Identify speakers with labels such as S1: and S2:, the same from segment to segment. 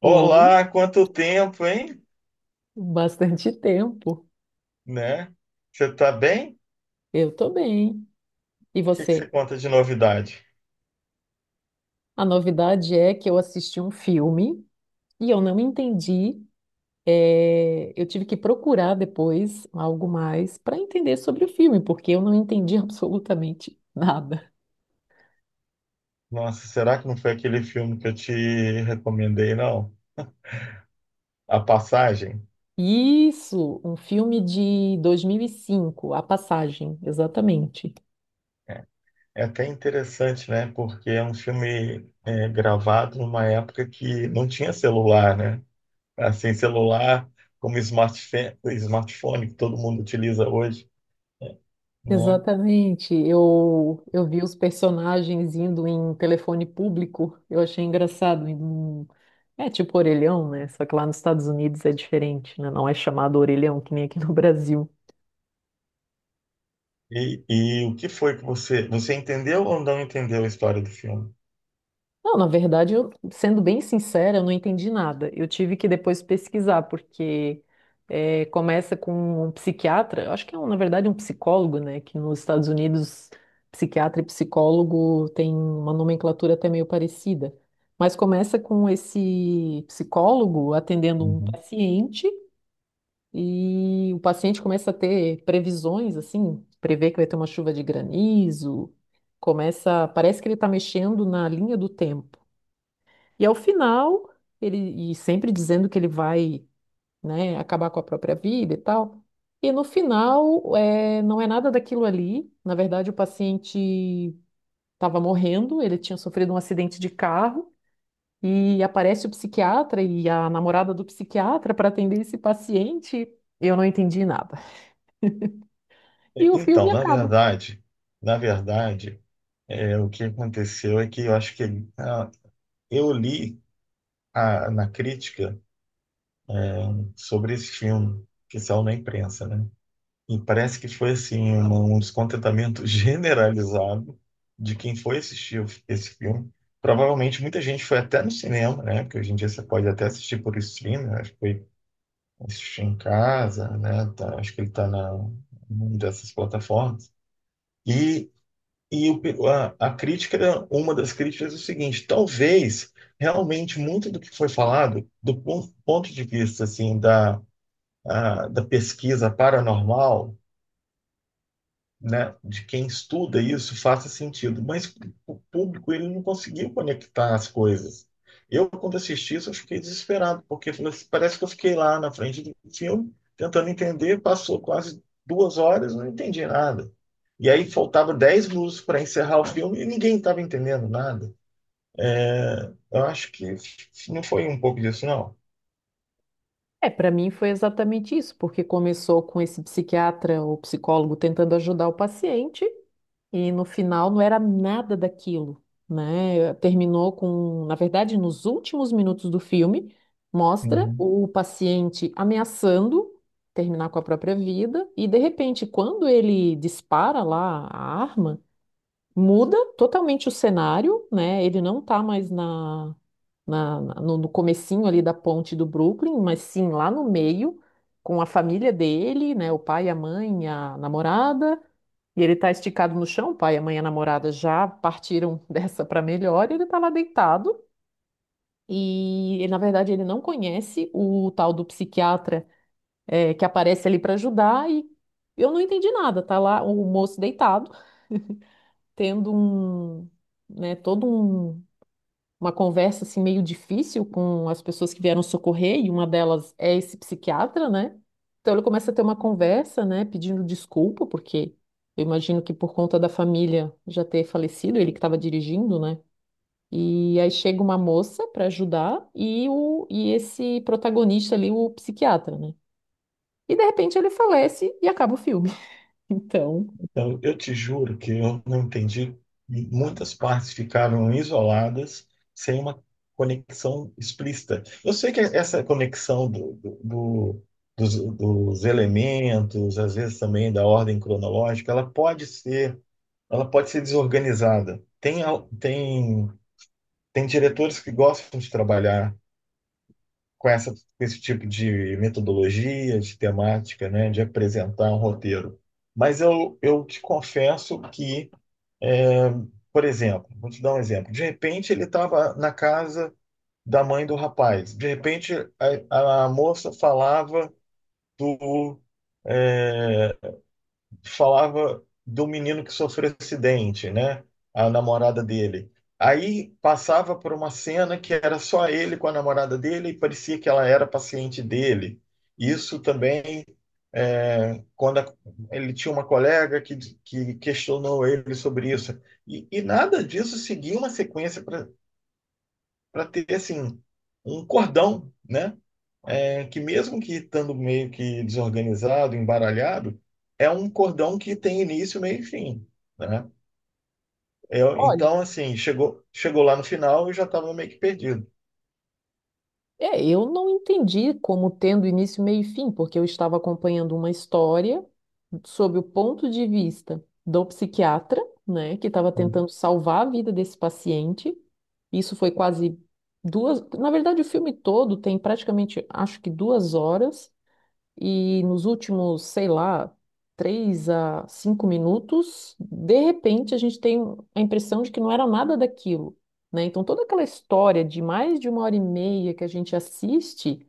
S1: Foi
S2: Olá, quanto tempo, hein?
S1: bastante tempo.
S2: Né? Você tá bem? O
S1: Eu tô bem. E
S2: que que
S1: você?
S2: você conta de novidade?
S1: A novidade é que eu assisti um filme e eu não entendi. Eu tive que procurar depois algo mais para entender sobre o filme, porque eu não entendi absolutamente nada.
S2: Nossa, será que não foi aquele filme que eu te recomendei, não? A Passagem?
S1: Isso, um filme de 2005, A Passagem, exatamente.
S2: É até interessante, né? Porque é um filme gravado numa época que não tinha celular, né? Assim, celular como smartphone, smartphone que todo mundo utiliza hoje, né?
S1: Exatamente. Eu vi os personagens indo em telefone público. Eu achei engraçado. É tipo orelhão, né? Só que lá nos Estados Unidos é diferente, né? Não é chamado orelhão, que nem aqui no Brasil.
S2: E o que foi que Você entendeu ou não entendeu a história do filme?
S1: Não, na verdade, eu, sendo bem sincera, eu não entendi nada. Eu tive que depois pesquisar, porque começa com um psiquiatra, eu acho que é, um, na verdade, um psicólogo, né? Que nos Estados Unidos, psiquiatra e psicólogo tem uma nomenclatura até meio parecida. Mas começa com esse psicólogo atendendo um
S2: Uhum.
S1: paciente, e o paciente começa a ter previsões, assim, prevê que vai ter uma chuva de granizo, começa, parece que ele está mexendo na linha do tempo. E ao final, ele e sempre dizendo que ele vai, né, acabar com a própria vida e tal. E no final, é, não é nada daquilo ali. Na verdade, o paciente estava morrendo, ele tinha sofrido um acidente de carro e aparece o psiquiatra e a namorada do psiquiatra para atender esse paciente. Eu não entendi nada. E o filme
S2: Então, na
S1: acaba.
S2: verdade, na verdade, o que aconteceu é que eu acho que ah, eu li na crítica sobre esse filme que saiu na imprensa, né? E parece que foi assim um descontentamento generalizado de quem foi assistir esse filme. Provavelmente muita gente foi até no cinema, né? Porque hoje em dia você pode até assistir por streaming, né? Acho que foi assistir em casa, né? Acho que ele está na numa dessas plataformas. E E a crítica, uma das críticas é o seguinte, talvez realmente muito do que foi falado, do ponto de vista assim da pesquisa paranormal, né, de quem estuda isso faça sentido, mas o público ele não conseguiu conectar as coisas. Eu, quando assisti isso, eu fiquei desesperado, porque assim, parece que eu fiquei lá na frente do filme, tentando entender, passou quase 2 horas, não entendi nada. E aí faltava 10 minutos para encerrar o filme e ninguém estava entendendo nada. É, eu acho que não foi um pouco disso, não.
S1: É, para mim foi exatamente isso, porque começou com esse psiquiatra ou psicólogo tentando ajudar o paciente. E no final não era nada daquilo, né? Terminou com, na verdade, nos últimos minutos do filme, mostra
S2: Uhum.
S1: o paciente ameaçando terminar com a própria vida, e de repente, quando ele dispara lá a arma, muda totalmente o cenário, né? Ele não tá mais no comecinho ali da ponte do Brooklyn, mas sim lá no meio, com a família dele, né? O pai, a mãe, a namorada. E ele tá esticado no chão, o pai, a mãe e a namorada já partiram dessa para melhor, e ele tá lá deitado. E ele, na verdade ele não conhece o tal do psiquiatra que aparece ali para ajudar e eu não entendi nada, tá lá o moço deitado tendo um, né, todo um, uma conversa assim meio difícil com as pessoas que vieram socorrer, e uma delas é esse psiquiatra, né? Então ele começa a ter uma conversa, né, pedindo desculpa, porque eu imagino que por conta da família já ter falecido, ele que estava dirigindo, né? E aí chega uma moça para ajudar e esse protagonista ali, o psiquiatra, né? E de repente ele falece e acaba o filme. Então,
S2: Então, eu te juro que eu não entendi. Muitas partes ficaram isoladas, sem uma conexão explícita. Eu sei que essa conexão dos elementos, às vezes também da ordem cronológica, ela pode ser desorganizada. Tem diretores que gostam de trabalhar com esse tipo de metodologia, de temática, né, de apresentar um roteiro. Mas eu te confesso que por exemplo, vou te dar um exemplo. De repente ele estava na casa da mãe do rapaz. De repente a moça falava do é, falava do menino que sofreu acidente, né? A namorada dele. Aí passava por uma cena que era só ele com a namorada dele e parecia que ela era paciente dele. Isso também quando ele tinha uma colega que questionou ele sobre isso. E nada disso seguia uma sequência para ter assim um cordão, né? É, que mesmo que estando meio que desorganizado, embaralhado, é um cordão que tem início, meio e fim, né? Eu,
S1: olha.
S2: então, assim, chegou lá no final e já estava meio que perdido.
S1: É, eu não entendi como tendo início, meio e fim, porque eu estava acompanhando uma história sob o ponto de vista do psiquiatra, né, que estava
S2: Hum.
S1: tentando salvar a vida desse paciente. Isso foi quase duas. Na verdade, o filme todo tem praticamente, acho que duas horas. E nos últimos, sei lá, três a cinco minutos, de repente a gente tem a impressão de que não era nada daquilo, né? Então toda aquela história de mais de uma hora e meia que a gente assiste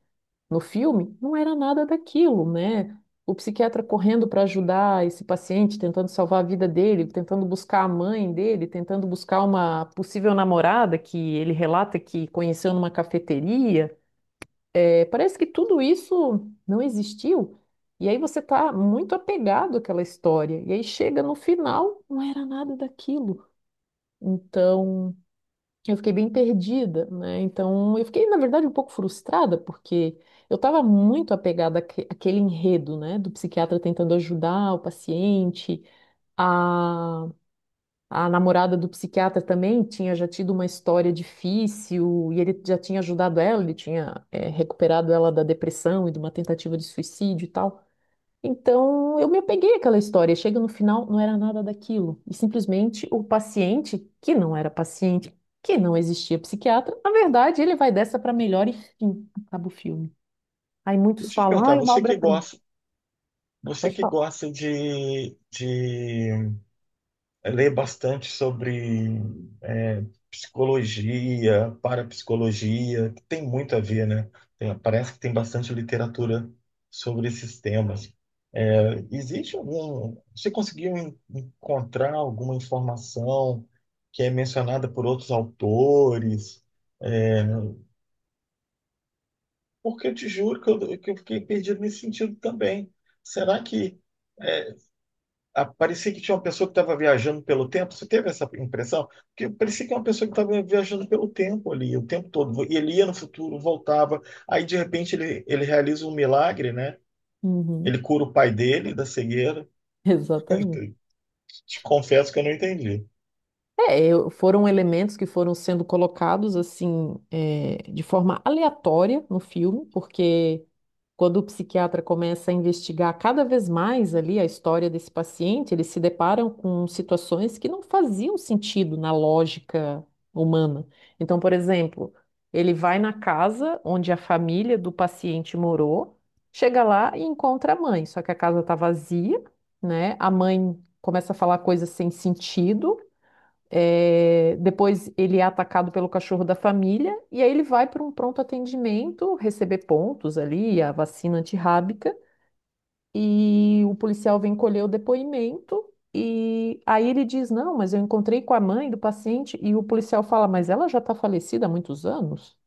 S1: no filme não era nada daquilo, né? O psiquiatra correndo para ajudar esse paciente, tentando salvar a vida dele, tentando buscar a mãe dele, tentando buscar uma possível namorada que ele relata que conheceu numa cafeteria. É, parece que tudo isso não existiu. E aí você está muito apegado àquela história. E aí chega no final, não era nada daquilo. Então, eu fiquei bem perdida, né? Então, eu fiquei, na verdade, um pouco frustrada, porque eu estava muito apegada àquele enredo, né? Do psiquiatra tentando ajudar o paciente, a namorada do psiquiatra também tinha já tido uma história difícil e ele já tinha ajudado ela, ele tinha, recuperado ela da depressão e de uma tentativa de suicídio e tal. Então eu me apeguei àquela história. E chega no final, não era nada daquilo. E simplesmente o paciente, que não era paciente, que não existia psiquiatra, na verdade ele vai dessa para melhor e fim, acaba o filme. Aí muitos
S2: Deixa eu te
S1: falam,
S2: perguntar,
S1: ah, é uma obra-prima.
S2: você
S1: Pode
S2: que
S1: falar.
S2: gosta de Eu leio bastante sobre é, psicologia, parapsicologia, que tem muito a ver, né? Parece que tem bastante literatura sobre esses temas. É, Existe algum. Você conseguiu encontrar alguma informação que é mencionada por outros autores? Porque eu te juro que que eu fiquei perdido nesse sentido também. Será que parecia que tinha uma pessoa que estava viajando pelo tempo. Você teve essa impressão? Porque parecia que era uma pessoa que estava viajando pelo tempo ali, o tempo todo. E ele ia no futuro, voltava. Aí, de repente, ele realiza um milagre, né? Ele
S1: Uhum,
S2: cura o pai dele da cegueira.
S1: exatamente.
S2: Te confesso que eu não entendi.
S1: Foram elementos que foram sendo colocados assim, é, de forma aleatória no filme, porque quando o psiquiatra começa a investigar cada vez mais ali a história desse paciente, eles se deparam com situações que não faziam sentido na lógica humana. Então, por exemplo, ele vai na casa onde a família do paciente morou, chega lá e encontra a mãe, só que a casa está vazia, né? A mãe começa a falar coisas sem sentido. É, depois ele é atacado pelo cachorro da família e aí ele vai para um pronto atendimento, receber pontos ali, a vacina antirrábica, e o policial vem colher o depoimento. E aí ele diz: Não, mas eu encontrei com a mãe do paciente. E o policial fala: Mas ela já está falecida há muitos anos?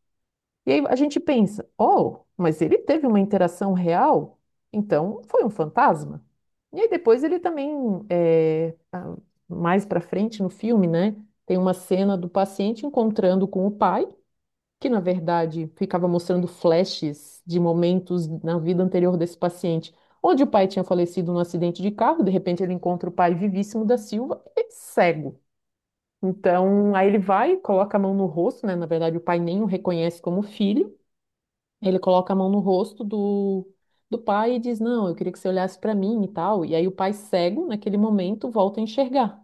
S1: E aí a gente pensa, oh, mas ele teve uma interação real? Então foi um fantasma. E aí depois ele também, é, a- mais pra frente no filme, né, tem uma cena do paciente encontrando com o pai, que na verdade ficava mostrando flashes de momentos na vida anterior desse paciente, onde o pai tinha falecido num acidente de carro, de repente ele encontra o pai vivíssimo da Silva e cego. Então, aí ele vai, coloca a mão no rosto, né? Na verdade, o pai nem o reconhece como filho. Ele coloca a mão no rosto do pai e diz: Não, eu queria que você olhasse para mim e tal. E aí o pai cego, naquele momento, volta a enxergar.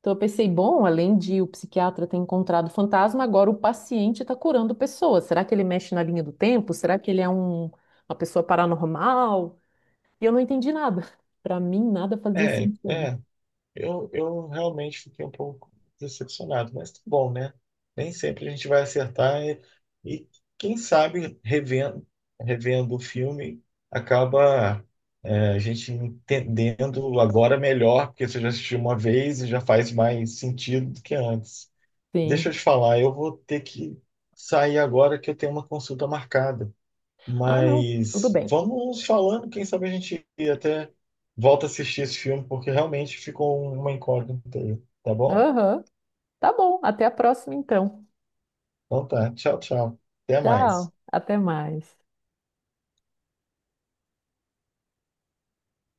S1: Então eu pensei: bom, além de o psiquiatra ter encontrado o fantasma, agora o paciente está curando pessoas. Será que ele mexe na linha do tempo? Será que ele é um, uma pessoa paranormal? E eu não entendi nada. Para mim, nada fazia
S2: É,
S1: sentido.
S2: é. Eu realmente fiquei um pouco decepcionado, mas tá bom, né? Nem sempre a gente vai acertar e quem sabe revendo o filme acaba a gente entendendo agora melhor, porque você já assistiu uma vez e já faz mais sentido do que antes. Deixa
S1: Sim.
S2: eu te falar, eu vou ter que sair agora que eu tenho uma consulta marcada.
S1: Ah, não, tudo
S2: Mas
S1: bem.
S2: vamos falando, quem sabe a gente até volta a assistir esse filme, porque realmente ficou uma incógnita aí, tá bom?
S1: Aham, tá bom. Até a próxima, então.
S2: Então tá, tchau, tchau. Até mais.
S1: Tchau, até mais.